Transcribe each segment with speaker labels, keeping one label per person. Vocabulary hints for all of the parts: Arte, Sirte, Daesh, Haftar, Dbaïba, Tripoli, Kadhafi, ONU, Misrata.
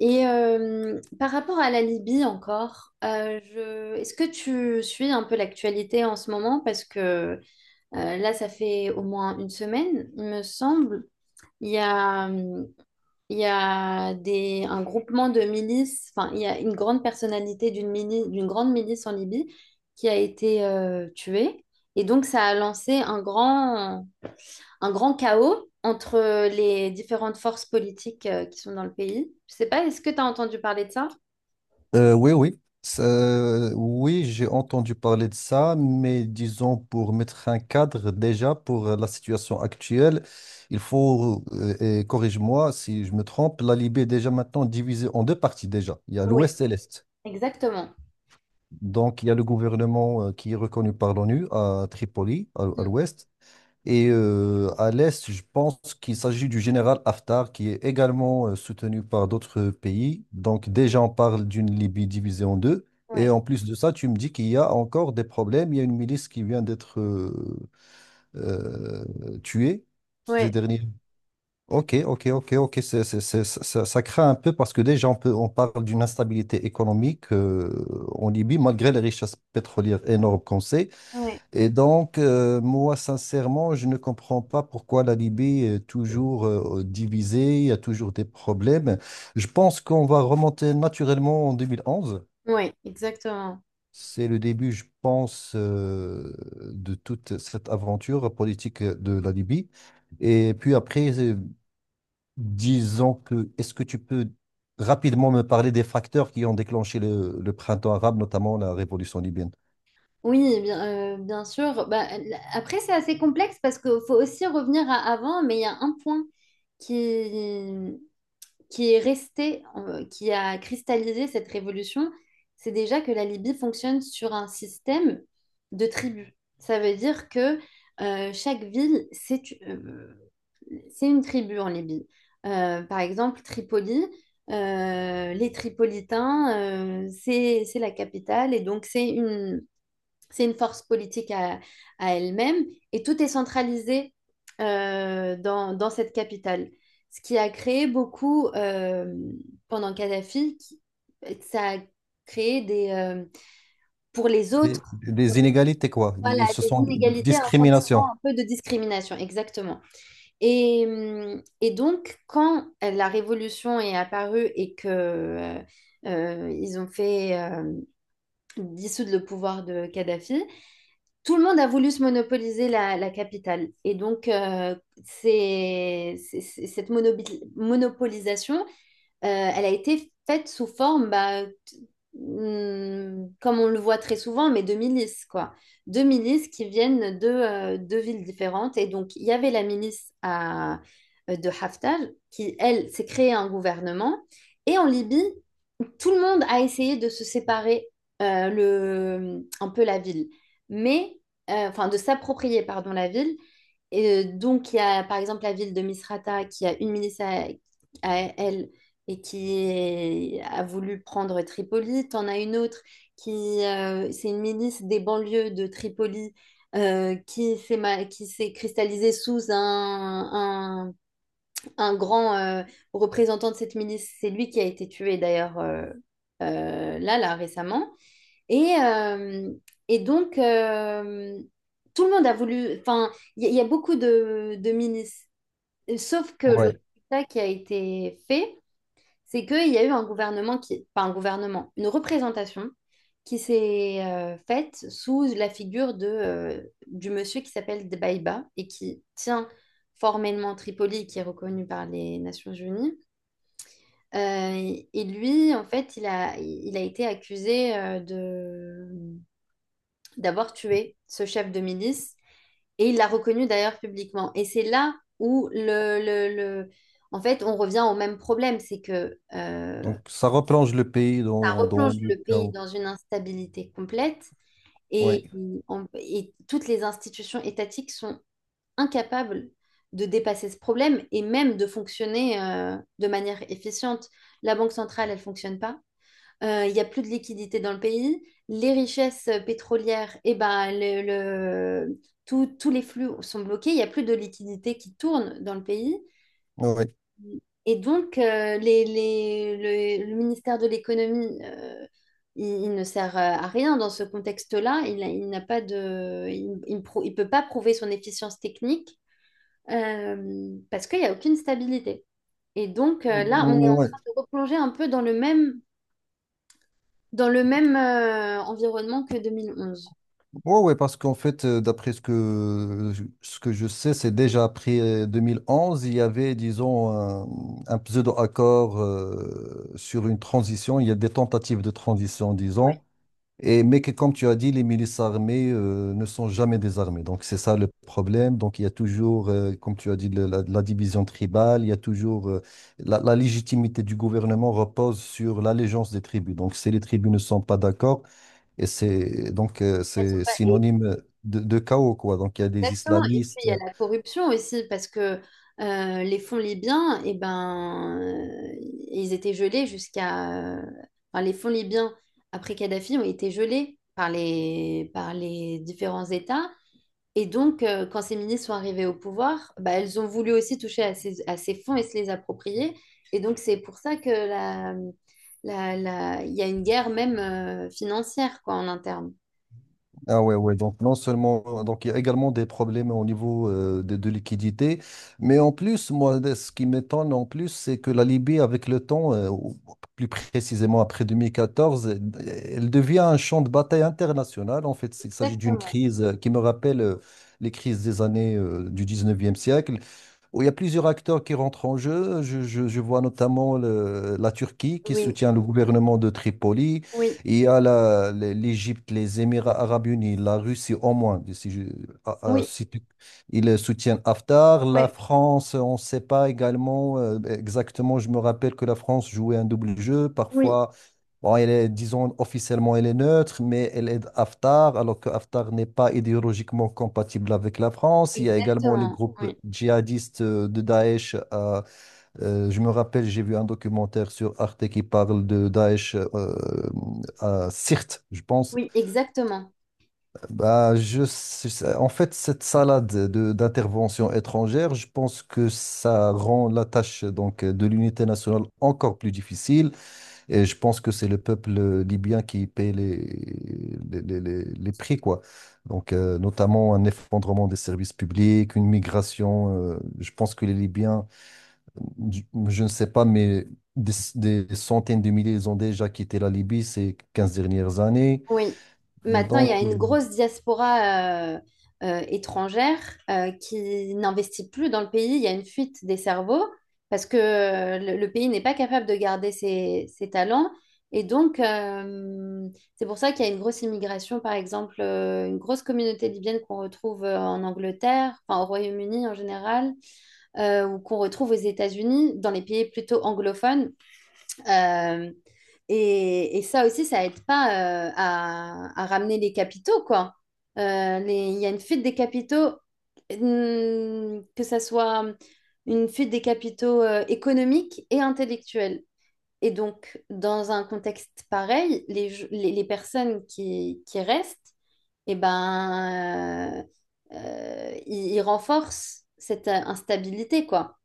Speaker 1: Et par rapport à la Libye encore, est-ce que tu suis un peu l'actualité en ce moment? Parce que là, ça fait au moins une semaine, il me semble. Il y a, un groupement de milices, enfin, il y a une grande personnalité d'une grande milice en Libye qui a été tuée. Et donc, ça a lancé un grand chaos entre les différentes forces politiques qui sont dans le pays. Je sais pas, est-ce que tu as entendu parler de ça?
Speaker 2: Oui, oui. Oui, j'ai entendu parler de ça, mais disons pour mettre un cadre déjà pour la situation actuelle, il faut, et corrige-moi si je me trompe, la Libye est déjà maintenant divisée en deux parties déjà. Il y a
Speaker 1: Oui,
Speaker 2: l'Ouest et l'Est.
Speaker 1: exactement.
Speaker 2: Donc il y a le gouvernement qui est reconnu par l'ONU à Tripoli, à
Speaker 1: Mm.
Speaker 2: l'Ouest, et à l'Est, je pense qu'il s'agit du général Haftar, qui est également soutenu par d'autres pays. Donc déjà, on parle d'une Libye divisée en deux. Et
Speaker 1: Oui,
Speaker 2: en plus de ça, tu me dis qu'il y a encore des problèmes. Il y a une milice qui vient d'être euh, tuée
Speaker 1: oui,
Speaker 2: ces derniers. Ok, ok, ok, ok. Ça craint un peu parce que déjà, on parle d'une instabilité économique en Libye, malgré les richesses pétrolières énormes qu'on sait.
Speaker 1: oui,
Speaker 2: Et donc, moi, sincèrement, je ne comprends pas pourquoi la Libye est toujours divisée, il y a toujours des problèmes. Je pense qu'on va remonter naturellement en 2011.
Speaker 1: oui, exactement.
Speaker 2: C'est le début, je pense, de toute cette aventure politique de la Libye. Et puis après, disons que, est-ce que tu peux rapidement me parler des facteurs qui ont déclenché le printemps arabe, notamment la révolution libyenne?
Speaker 1: Oui, bien, bien sûr. Bah, après, c'est assez complexe parce qu'il faut aussi revenir à avant, mais il y a un point qui, qui est resté, qui a cristallisé cette révolution, c'est déjà que la Libye fonctionne sur un système de tribus. Ça veut dire que chaque ville, c'est une tribu en Libye. Par exemple, Tripoli, les Tripolitains, c'est la capitale et donc c'est une force politique à elle-même et tout est centralisé dans cette capitale. Ce qui a créé beaucoup, pendant Kadhafi, ça a créé pour les
Speaker 2: Les,
Speaker 1: autres,
Speaker 2: les inégalités, quoi.
Speaker 1: voilà,
Speaker 2: Se
Speaker 1: des
Speaker 2: sont des
Speaker 1: inégalités, un
Speaker 2: discriminations.
Speaker 1: sentiment un peu de discrimination, exactement. Et donc, quand la Révolution est apparue et que ils ont fait dissoudre le pouvoir de Kadhafi, tout le monde a voulu se monopoliser la capitale. Et donc, cette monopolisation euh, elle a été faite sous forme, bah, comme on le voit très souvent, mais de milices, quoi. De milices qui viennent de deux villes différentes. Et donc, il y avait de Haftar, qui, elle, s'est créée un gouvernement. Et en Libye, tout le monde a essayé de se séparer un peu la ville, mais enfin de s'approprier pardon la ville. Et donc il y a par exemple la ville de Misrata qui a une milice à elle et a voulu prendre Tripoli. T'en as une autre qui c'est une milice des banlieues de Tripoli qui qui s'est cristallisée sous un grand représentant de cette milice. C'est lui qui a été tué d'ailleurs là, récemment. Et, euh, et donc, euh, tout le monde a voulu. Enfin, il y a beaucoup de milices. Sauf que le
Speaker 2: Ouais.
Speaker 1: résultat qui a été fait, c'est qu'il y a eu un gouvernement qui, pas un gouvernement, une représentation qui s'est faite sous la figure du monsieur qui s'appelle Dbaïba et qui tient formellement Tripoli, qui est reconnu par les Nations Unies. Et lui, en fait, il a été accusé d'avoir tué ce chef de milice et il l'a reconnu d'ailleurs publiquement. Et c'est là où en fait, on revient au même problème, c'est que
Speaker 2: Donc, ça replonge le pays dans, dans
Speaker 1: replonge
Speaker 2: le
Speaker 1: le pays
Speaker 2: chaos.
Speaker 1: dans une instabilité complète et,
Speaker 2: Ouais.
Speaker 1: et toutes les institutions étatiques sont incapables de dépasser ce problème et même de fonctionner de manière efficiente. La Banque centrale, elle fonctionne pas. Il n'y a plus de liquidité dans le pays. Les richesses pétrolières, eh ben, tous les flux sont bloqués. Il n'y a plus de liquidité qui tourne dans le pays.
Speaker 2: Ouais.
Speaker 1: Et donc, le ministère de l'économie, il ne sert à rien dans ce contexte-là. Il n'a pas il il peut pas prouver son efficience technique parce qu'il n'y a aucune stabilité. Et donc, là, on est en
Speaker 2: Ouais.
Speaker 1: train de replonger un peu dans dans le même environnement que 2011.
Speaker 2: Ouais, ouais, parce qu'en fait, d'après ce que je sais, c'est déjà après 2011, il y avait, disons, un pseudo-accord sur une transition. Il y a des tentatives de transition, disons. Et, mais que, comme tu as dit, les milices armées ne sont jamais désarmées. Donc, c'est ça le problème. Donc, il y a toujours, comme tu as dit, la division tribale. Il y a toujours. La légitimité du gouvernement repose sur l'allégeance des tribus. Donc, si les tribus ne sont pas d'accord, et c'est donc
Speaker 1: Elles sont
Speaker 2: c'est
Speaker 1: pas- et
Speaker 2: synonyme de chaos, quoi. Donc, il y a des
Speaker 1: Exactement. Et puis
Speaker 2: islamistes.
Speaker 1: il y a la corruption aussi, parce que les fonds libyens, eh ben, ils étaient gelés jusqu'à. Enfin, les fonds libyens après Kadhafi ont été gelés par par les différents États. Et donc, quand ces ministres sont arrivés au pouvoir, bah, elles ont voulu aussi toucher à à ces fonds et se les approprier. Et donc, c'est pour ça que il y a une guerre même financière quoi, en interne.
Speaker 2: Ah ouais, ouais, donc non seulement, donc il y a également des problèmes au niveau de liquidité, mais en plus, ce qui m'étonne en plus, c'est que la Libye, avec le temps, ou plus précisément après 2014, elle devient un champ de bataille international. En fait, il s'agit d'une
Speaker 1: Exactement.
Speaker 2: crise qui me rappelle les crises des années du 19e siècle où il y a plusieurs acteurs qui rentrent en jeu. Je vois notamment la Turquie qui
Speaker 1: Oui,
Speaker 2: soutient le gouvernement de Tripoli.
Speaker 1: oui,
Speaker 2: Il y a l'Égypte, l'Égypte, les Émirats arabes unis, la Russie au moins. Si je- ah, ah,
Speaker 1: oui,
Speaker 2: si tu- Ils soutiennent Haftar. La
Speaker 1: oui,
Speaker 2: France, on ne sait pas également exactement. Je me rappelle que la France jouait un double jeu.
Speaker 1: oui.
Speaker 2: Parfois, bon, elle est, disons, officiellement, elle est neutre, mais elle aide Haftar, alors que Haftar n'est pas idéologiquement compatible avec la France. Il y a également les
Speaker 1: Exactement,
Speaker 2: groupes
Speaker 1: oui.
Speaker 2: djihadistes de Daesh. Je me rappelle, j'ai vu un documentaire sur Arte qui parle de Daesh à Sirte, je pense.
Speaker 1: Oui, exactement.
Speaker 2: En fait, cette salade d'interventions étrangères, je pense que ça rend la tâche donc, de l'unité nationale encore plus difficile. Et je pense que c'est le peuple libyen qui paye les prix, quoi. Donc, notamment un effondrement des services publics, une migration. Je pense que les Libyens, je, je ne sais pas, mais des centaines de milliers, ils ont déjà quitté la Libye ces 15 dernières années.
Speaker 1: Oui. Maintenant, il y a
Speaker 2: Donc,
Speaker 1: une grosse diaspora étrangère qui n'investit plus dans le pays. Il y a une fuite des cerveaux parce que le pays n'est pas capable de garder ses talents. Et donc, c'est pour ça qu'il y a une grosse immigration, par exemple, une grosse communauté libyenne qu'on retrouve en Angleterre, enfin au Royaume-Uni en général, ou qu'on retrouve aux États-Unis, dans les pays plutôt anglophones. Euh, et ça aussi, ça aide pas à ramener les capitaux, quoi. Il y a une fuite des capitaux, que ça soit une fuite des capitaux économiques et intellectuels. Et donc, dans un contexte pareil, les personnes qui restent, eh ben, ils renforcent cette instabilité, quoi.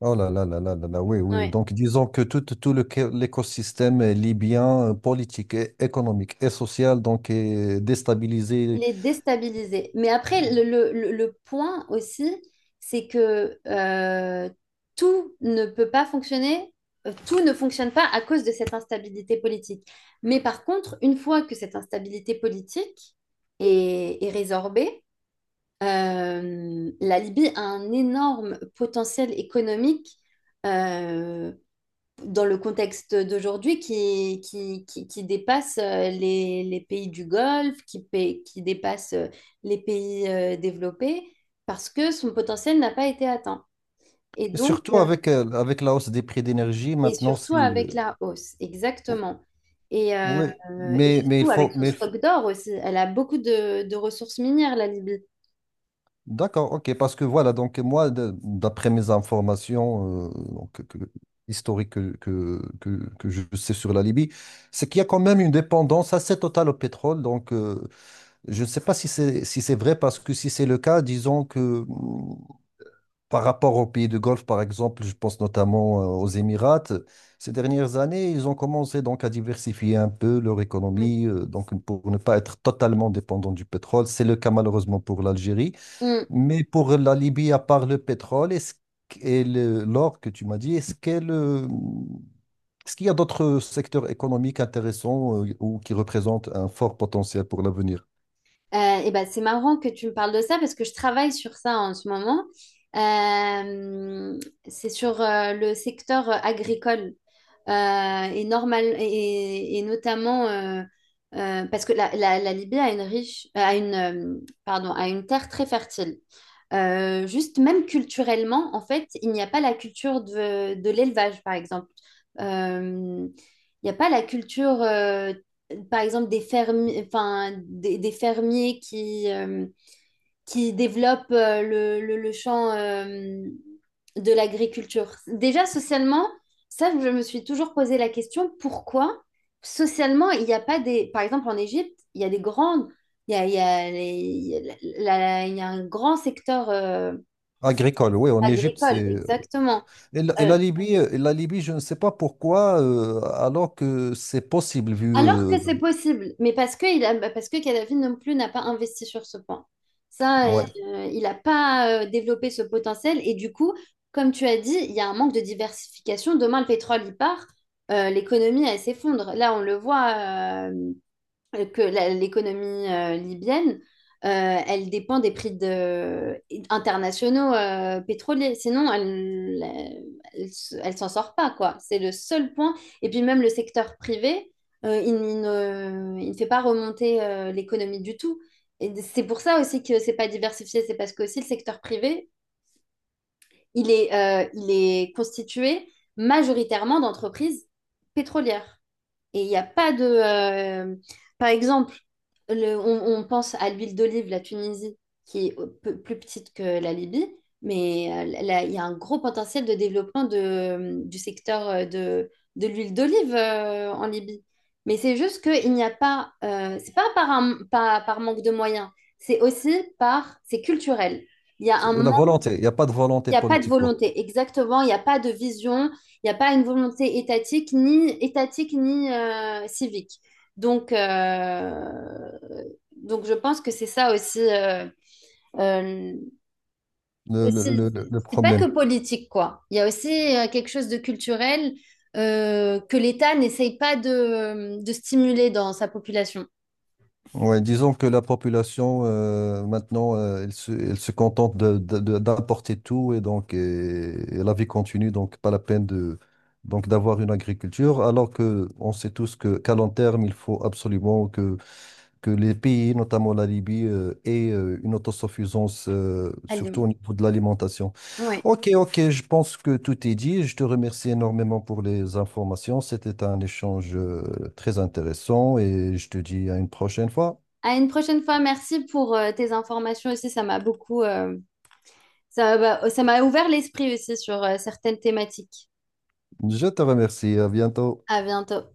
Speaker 2: oh là là là là là là, oui, oui. Donc, disons que l'écosystème libyen, politique, et économique et social, donc, est déstabilisé.
Speaker 1: Il est déstabilisé. Mais après, le point aussi, c'est que tout ne peut pas fonctionner, tout ne fonctionne pas à cause de cette instabilité politique. Mais par contre, une fois que cette instabilité politique est résorbée, la Libye a un énorme potentiel économique euh, dans le contexte d'aujourd'hui qui dépasse les pays du Golfe, qui dépasse les pays développés, parce que son potentiel n'a pas été atteint. Et
Speaker 2: Et
Speaker 1: donc,
Speaker 2: surtout avec, avec la hausse des prix d'énergie,
Speaker 1: et
Speaker 2: maintenant,
Speaker 1: surtout avec la hausse,
Speaker 2: ou-
Speaker 1: exactement. Et, euh,
Speaker 2: ouais,
Speaker 1: et
Speaker 2: mais il
Speaker 1: surtout avec
Speaker 2: faut...
Speaker 1: son
Speaker 2: Mais il faut...
Speaker 1: stock d'or aussi. Elle a beaucoup de ressources minières, la Libye.
Speaker 2: D'accord, ok, parce que voilà, d'après mes informations historiques que je sais sur la Libye, c'est qu'il y a quand même une dépendance assez totale au pétrole. Donc, je ne sais pas si c'est si c'est vrai, parce que si c'est le cas, disons que... Par rapport aux pays du Golfe, par exemple, je pense notamment aux Émirats, ces dernières années, ils ont commencé donc à diversifier un peu leur économie, donc pour ne pas être totalement dépendant du pétrole. C'est le cas malheureusement pour l'Algérie.
Speaker 1: Oui.
Speaker 2: Mais pour la Libye, à part le pétrole est-ce qu- et le- l'or que tu m'as dit, est-ce qu'elle, est-ce qu'il y a d'autres secteurs économiques intéressants ou qui représentent un fort potentiel pour l'avenir?
Speaker 1: Et ben, c'est marrant que tu me parles de ça parce que je travaille sur ça en ce moment. Euh, c'est sur le secteur agricole et notamment parce que la Libye pardon, a une terre très fertile. Juste même culturellement, en fait, il n'y a pas la culture de l'élevage, par exemple. Euh, il n'y a pas la culture, par exemple, des fermiers, enfin, des fermiers qui développe le champ de l'agriculture. Déjà, socialement, ça, je me suis toujours posé la question, pourquoi socialement, il n'y a pas des... Par exemple, en Égypte, il y a des grandes... il y a les- il y a la- la- il y a un grand secteur
Speaker 2: Agricole, oui, en Égypte,
Speaker 1: agricole,
Speaker 2: c'est...
Speaker 1: exactement. Euh,
Speaker 2: Et la Libye, je ne sais pas pourquoi, alors que c'est possible vu
Speaker 1: Alors que c'est possible, mais parce que, bah, parce que Kadhafi non plus n'a pas investi sur ce point. Ça, euh,
Speaker 2: ouais,
Speaker 1: il n'a pas développé ce potentiel. Et du coup, comme tu as dit, il y a un manque de diversification. Demain, le pétrole, il part, l'économie, elle s'effondre. Là, on le voit, que l'économie libyenne, elle dépend des internationaux pétroliers. Sinon, elle s'en sort pas, quoi. C'est le seul point. Et puis même le secteur privé, il ne fait pas remonter l'économie du tout. Et c'est pour ça aussi que c'est pas diversifié. C'est parce que aussi le secteur privé, il est constitué majoritairement d'entreprises pétrolières. Et il n'y a pas par exemple, on pense à l'huile d'olive, la Tunisie, qui est plus petite que la Libye, mais là, il y a un gros potentiel de développement du secteur de l'huile d'olive en Libye. Mais c'est juste qu'il n'y a pas... c'est pas par manque de moyens, c'est aussi par... C'est culturel. Il y a un
Speaker 2: c'est- la volonté. Il n'y a pas de volonté
Speaker 1: il n'y a pas de
Speaker 2: politique, quoi.
Speaker 1: volonté, exactement. Il n'y a pas de vision. Il n'y a pas une volonté étatique, ni civique. Donc, je pense que c'est ça euh, aussi,
Speaker 2: Le
Speaker 1: c'est pas
Speaker 2: problème.
Speaker 1: que politique, quoi. Il y a aussi quelque chose de culturel que l'État n'essaye pas de stimuler dans sa population.
Speaker 2: Ouais, disons que la population, maintenant, elle se contente d'importer tout et donc et la vie continue, donc pas la peine de, donc d'avoir une agriculture, alors que on sait tous que qu'à long terme, il faut absolument que les pays, notamment la Libye, aient une autosuffisance,
Speaker 1: À
Speaker 2: surtout
Speaker 1: Lyon.
Speaker 2: au niveau de l'alimentation.
Speaker 1: Ouais.
Speaker 2: Ok, ok, je pense que tout est dit. Je te remercie énormément pour les informations. C'était un échange très intéressant et je te dis à une prochaine fois.
Speaker 1: À une prochaine fois. Merci pour tes informations aussi. Ça va- ça m'a ouvert l'esprit aussi sur certaines thématiques.
Speaker 2: Je te remercie, à bientôt.
Speaker 1: À bientôt.